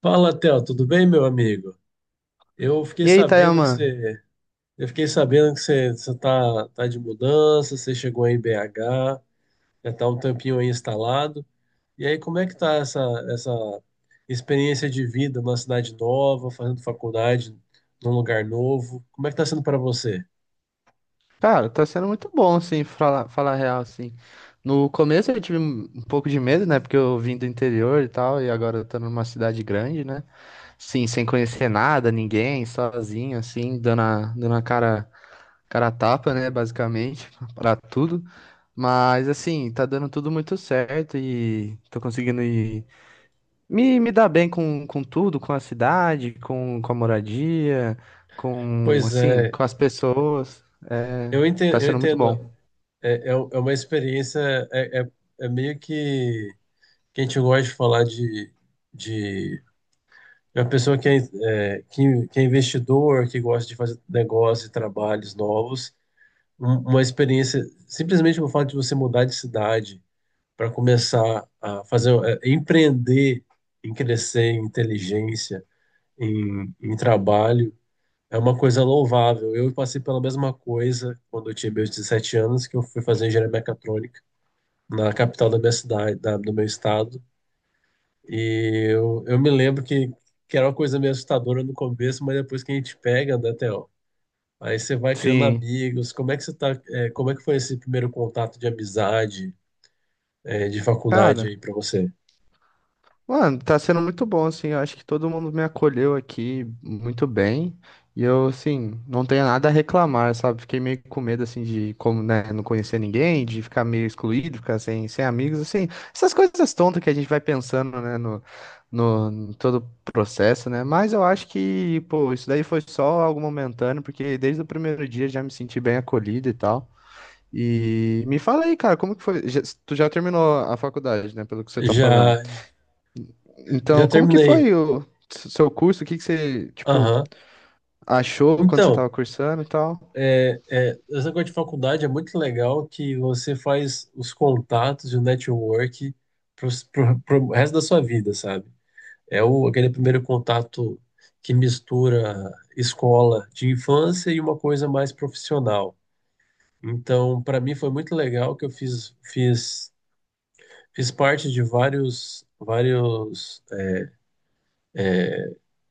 Fala, Theo, tudo bem, meu amigo? Eu fiquei E aí, sabendo que Tayaman? você, eu fiquei sabendo que você tá de mudança, você chegou aí em BH, já tá um tempinho aí instalado. E aí, como é que tá essa experiência de vida numa cidade nova, fazendo faculdade num lugar novo? Como é que tá sendo para você? Cara, tá sendo muito bom, assim, falar real, assim. No começo eu tive um pouco de medo, né? Porque eu vim do interior e tal, e agora eu tô numa cidade grande, né? Sim, sem conhecer nada, ninguém, sozinho, assim, dando a cara, cara a tapa, né? Basicamente, pra tudo. Mas, assim, tá dando tudo muito certo e tô conseguindo ir. Me dá bem com tudo, com a cidade, com a moradia, com, Pois assim, é, com as pessoas. É, tá eu sendo muito entendo. bom. É uma experiência, é, é, é meio que a gente gosta de falar de A pessoa que é, é, que é investidor, que gosta de fazer negócios e trabalhos novos, uma experiência, simplesmente o fato de você mudar de cidade para começar a fazer, empreender em crescer, em inteligência, em, em trabalho, é uma coisa louvável. Eu passei pela mesma coisa quando eu tinha meus 17 anos, que eu fui fazer engenharia mecatrônica na capital da minha cidade, do meu estado. E eu me lembro que era uma coisa meio assustadora no começo, mas depois que a gente pega, né, Theo? Aí você vai criando Sim. amigos. Como é que você tá, é, como é que foi esse primeiro contato de amizade, é, de faculdade Cara, aí pra você? Mano, tá sendo muito bom, assim. Eu acho que todo mundo me acolheu aqui muito bem. E eu, assim, não tenho nada a reclamar, sabe? Fiquei meio com medo, assim, de como, né, não conhecer ninguém, de ficar meio excluído, ficar sem amigos, assim. Essas coisas tontas que a gente vai pensando, né, no, no, em todo o processo, né? Mas eu acho que, pô, isso daí foi só algo momentâneo, porque desde o primeiro dia já me senti bem acolhido e tal. E me fala aí, cara, como que foi? Tu já terminou a faculdade, né? Pelo que você tá Já, falando. já Então, como que terminei. foi o seu curso? O que você, tipo, Aham. achou quando você Então, estava cursando e tal? Essa coisa de faculdade é muito legal que você faz os contatos e o network pro resto da sua vida, sabe? Aquele primeiro contato que mistura escola de infância e uma coisa mais profissional. Então, para mim foi muito legal que eu fiz parte de vários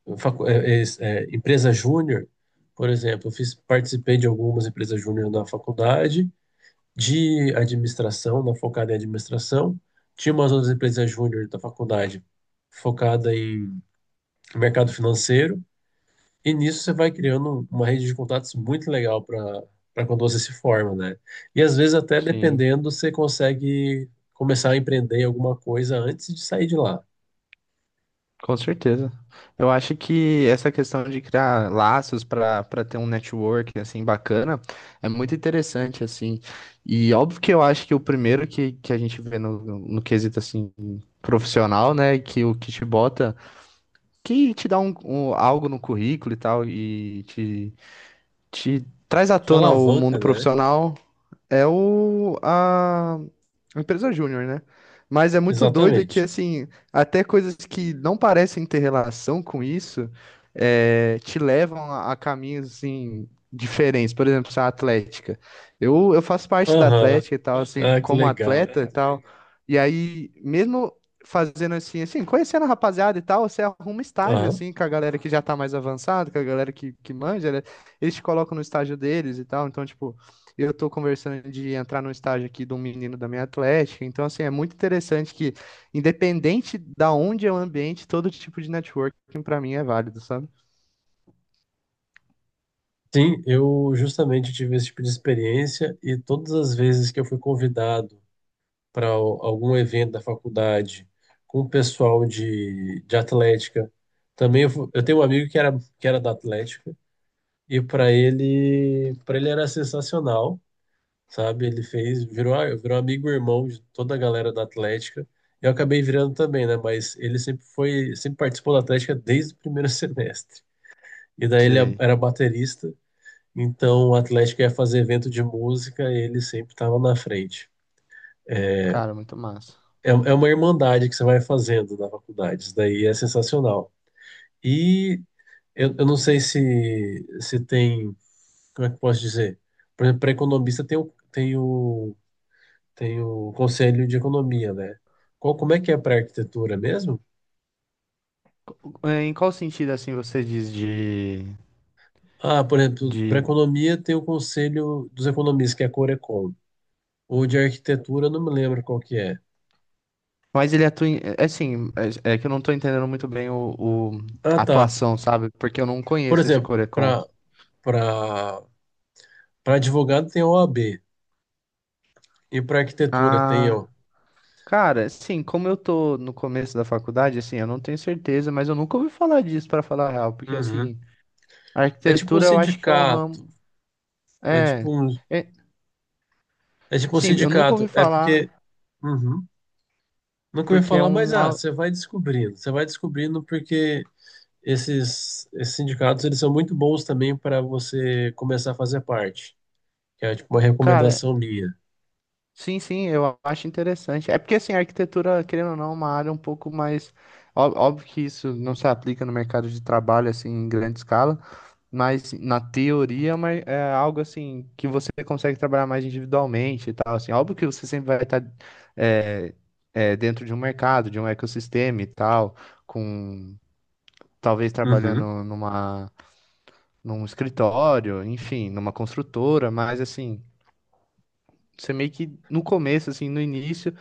empresa júnior, por exemplo, eu fiz, participei de algumas empresas júnior na faculdade, de administração, na focada em administração, tinha umas outras empresas júnior da faculdade focada em mercado financeiro. E nisso você vai criando uma rede de contatos muito legal para quando você se forma, né? E às vezes até Sim, dependendo, você consegue começar a empreender em alguma coisa antes de sair de lá. com certeza. Eu acho que essa questão de criar laços para ter um network assim bacana é muito interessante assim. E óbvio que eu acho que o primeiro que a gente vê no quesito assim profissional, né, que o que te bota, que te dá algo no currículo e tal e te traz à Te tona o alavanca, mundo né? profissional. É a empresa júnior, né? Mas é muito doido que, Exatamente. assim, até coisas que não parecem ter relação com isso, te levam a caminhos, assim, diferentes. Por exemplo, a atlética. Eu faço parte da Aham. atlética e tal, assim, Ah, que como legal, atleta e cara. tal. E aí, mesmo fazendo assim, conhecendo a rapaziada e tal, você arruma estágio, Aham. assim, com a galera que já tá mais avançada, com a galera que manja, né? Eles te colocam no estágio deles e tal. Então, tipo. Eu estou conversando de entrar no estágio aqui de um menino da minha atlética, então assim, é muito interessante que, independente da onde é o ambiente, todo tipo de networking para mim é válido, sabe? Sim, eu justamente tive esse tipo de experiência e todas as vezes que eu fui convidado para algum evento da faculdade com o pessoal de atlética, também eu tenho um amigo que era da atlética. E para ele era sensacional, sabe? Ele fez, virou amigo e irmão de toda a galera da Atlética. Eu acabei virando também, né? Mas ele sempre foi, sempre participou da Atlética desde o primeiro semestre. E daí ele Sei. era baterista, então a Atlética ia fazer evento de música e ele sempre estava na frente. Cara, muito massa. É, é uma irmandade que você vai fazendo na faculdade, isso daí é sensacional. E eu não sei se tem como é que eu posso dizer? Por exemplo, para economista tem o Conselho de Economia, né? Qual, como é que é para arquitetura mesmo? É, em qual sentido, assim, você diz Ah, por exemplo, para de... economia tem o Conselho dos Economistas, que é a Corecon. Ou de arquitetura, eu não me lembro qual que é. Mas ele atua em... É assim, é que eu não tô entendendo muito bem Ah, a tá. atuação, sabe? Porque eu não Por conheço esse exemplo, Corecon. Para para advogado tem a OAB e para arquitetura tem Ah, o. cara, sim, como eu tô no começo da faculdade, assim, eu não tenho certeza, mas eu nunca ouvi falar disso, pra falar a real, porque, Uhum. assim, a É tipo um arquitetura eu acho que é um sindicato, ramo. é É, tipo um, é, é tipo um sim, eu nunca ouvi sindicato, é porque falar, Uhum. Nunca ouvi porque é falar, mas um. ah, você vai descobrindo. Você vai descobrindo porque esses sindicatos eles são muito bons também para você começar a fazer parte, que é tipo uma Cara, recomendação minha. sim, eu acho interessante. É porque, assim, a arquitetura, querendo ou não, é uma área um pouco mais. Óbvio que isso não se aplica no mercado de trabalho, assim, em grande escala. Mas na teoria, mas é algo assim que você consegue trabalhar mais individualmente e tal, assim. Óbvio que você sempre vai estar, é, dentro de um mercado, de um ecossistema e tal, com talvez Uhum, trabalhando num escritório, enfim, numa construtora, mas assim, você meio que no começo, assim, no início,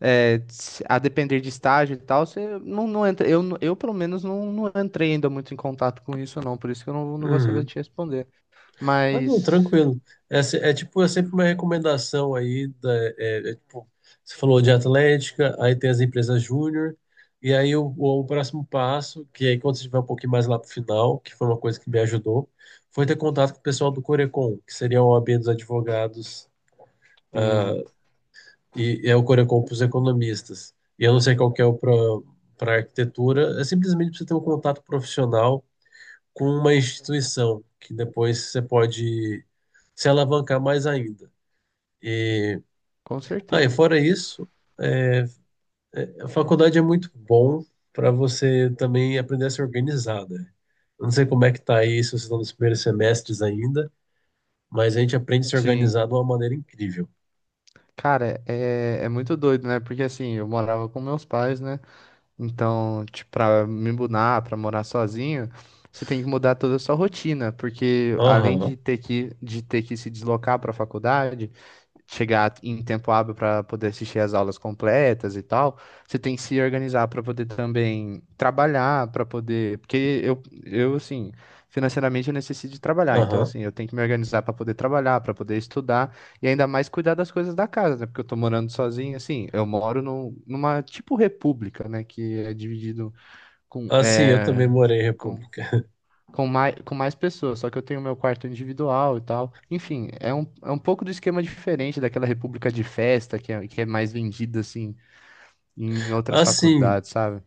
a depender de estágio e tal, você não entra. Eu pelo menos não entrei ainda muito em contato com isso, não, por isso que eu não vou saber uhum. te responder. Ah, não, Mas. tranquilo. É, se- é tipo, é sempre uma recomendação aí é, é, tipo, você falou de Atlética, aí tem as empresas júnior, e aí próximo passo, que aí quando você estiver um pouquinho mais lá pro final, que foi uma coisa que me ajudou, foi ter contato com o pessoal do Corecon, que seria a OAB dos advogados. Ah, Sim, e é o Corecon para os economistas. E eu não sei qual que é o para arquitetura, é simplesmente você ter um contato profissional com uma instituição, que depois você pode se alavancar mais ainda. E, com ah, e certeza. fora isso, é, a faculdade é muito bom para você também aprender a se organizar, né? Eu não sei como é que tá aí, se vocês estão nos primeiros semestres ainda, mas a gente aprende a se Sim. organizar de uma maneira incrível. Cara, é muito doido, né? Porque assim, eu morava com meus pais, né? Então, tipo, pra me mudar, pra morar sozinho, você tem que mudar toda a sua rotina, porque além de Aham, ter de ter que se deslocar pra faculdade, chegar em tempo hábil para poder assistir às aulas completas e tal, você tem que se organizar para poder também trabalhar, para poder, porque eu assim, financeiramente eu necessito de trabalhar, então aham. assim, eu tenho que me organizar para poder trabalhar, para poder estudar. E ainda mais cuidar das coisas da casa, né? Porque eu tô morando sozinho, assim, eu moro numa tipo república, né? Que é dividido com, Assim, eu também é, morei em com, República. Com mais pessoas, só que eu tenho meu quarto individual e tal. Enfim, é é um pouco do esquema diferente daquela república de festa que é mais vendida, assim, em outras Assim, faculdades, sabe?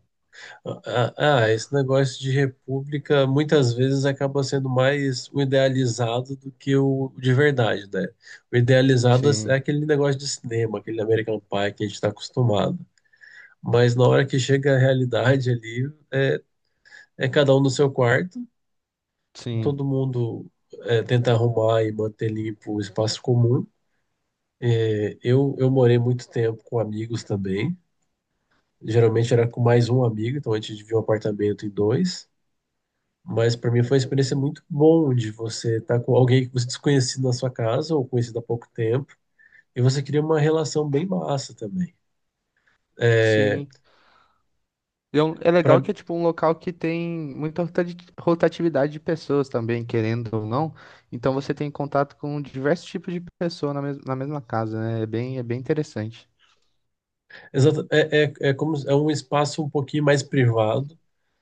ah, ah, esse negócio de república muitas vezes acaba sendo mais o idealizado do que o de verdade, né? O idealizado é Sim, aquele negócio de cinema, aquele American Pie que a gente está acostumado. Mas na hora que chega a realidade ali, é, é cada um no seu quarto, sim, todo mundo é, tenta arrumar e manter limpo o espaço comum. É, eu morei muito tempo com amigos também. Geralmente era com mais um amigo, então a gente dividia um apartamento em dois. Mas para mim foi uma experiência muito bom de você estar com alguém que você desconhecido na sua casa ou conhecido há pouco tempo e você cria uma relação bem massa também. É, sim. E é legal pra, que é tipo um local que tem muita rotatividade de pessoas também, querendo ou não. Então você tem contato com diversos tipos de pessoas na mesma casa, né? É bem interessante. exato, é como é um espaço um pouquinho mais privado,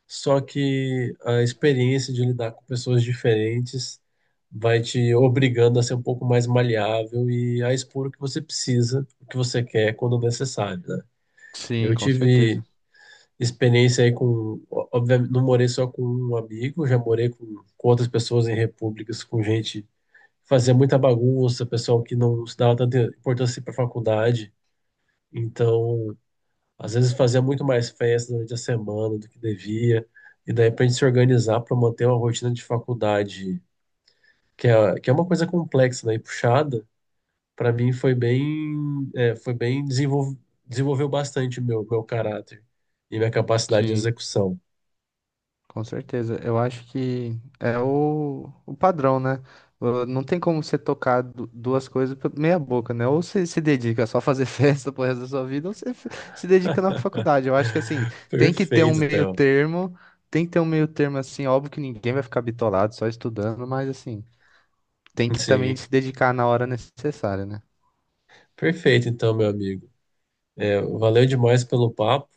só que a experiência de lidar com pessoas diferentes vai te obrigando a ser um pouco mais maleável e a expor o que você precisa, o que você quer quando necessário, né? Sim, Eu com certeza. tive experiência aí com. Ó, obviamente, não morei só com um amigo, já morei com outras pessoas em repúblicas, com gente que fazia muita bagunça, pessoal que não se dava tanta importância para faculdade. Então, às vezes fazia muito mais festa durante a semana do que devia. E daí, para a gente se organizar para manter uma rotina de faculdade, que é uma coisa complexa, né, e puxada, para mim foi bem, é, foi bem desenvolveu bastante o meu caráter e minha capacidade de Sim. execução. Com certeza. Eu acho que é o padrão, né? Não tem como você tocar duas coisas meia boca, né? Ou você se dedica só a fazer festa pro resto da sua vida, ou você se dedica na faculdade. Eu acho que assim, tem que ter um Perfeito, meio Theo. termo, tem que ter um meio termo assim, óbvio que ninguém vai ficar bitolado só estudando, mas assim, tem que também Sim, se dedicar na hora necessária, né? perfeito, então, meu amigo. É, valeu demais pelo papo.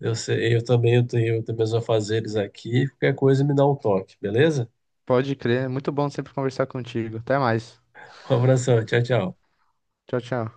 Eu sei, eu também tenho meus afazeres aqui. Qualquer coisa me dá um toque, beleza? Pode crer, é muito bom sempre conversar contigo. Até mais. Um abração, tchau, tchau. Tchau, tchau.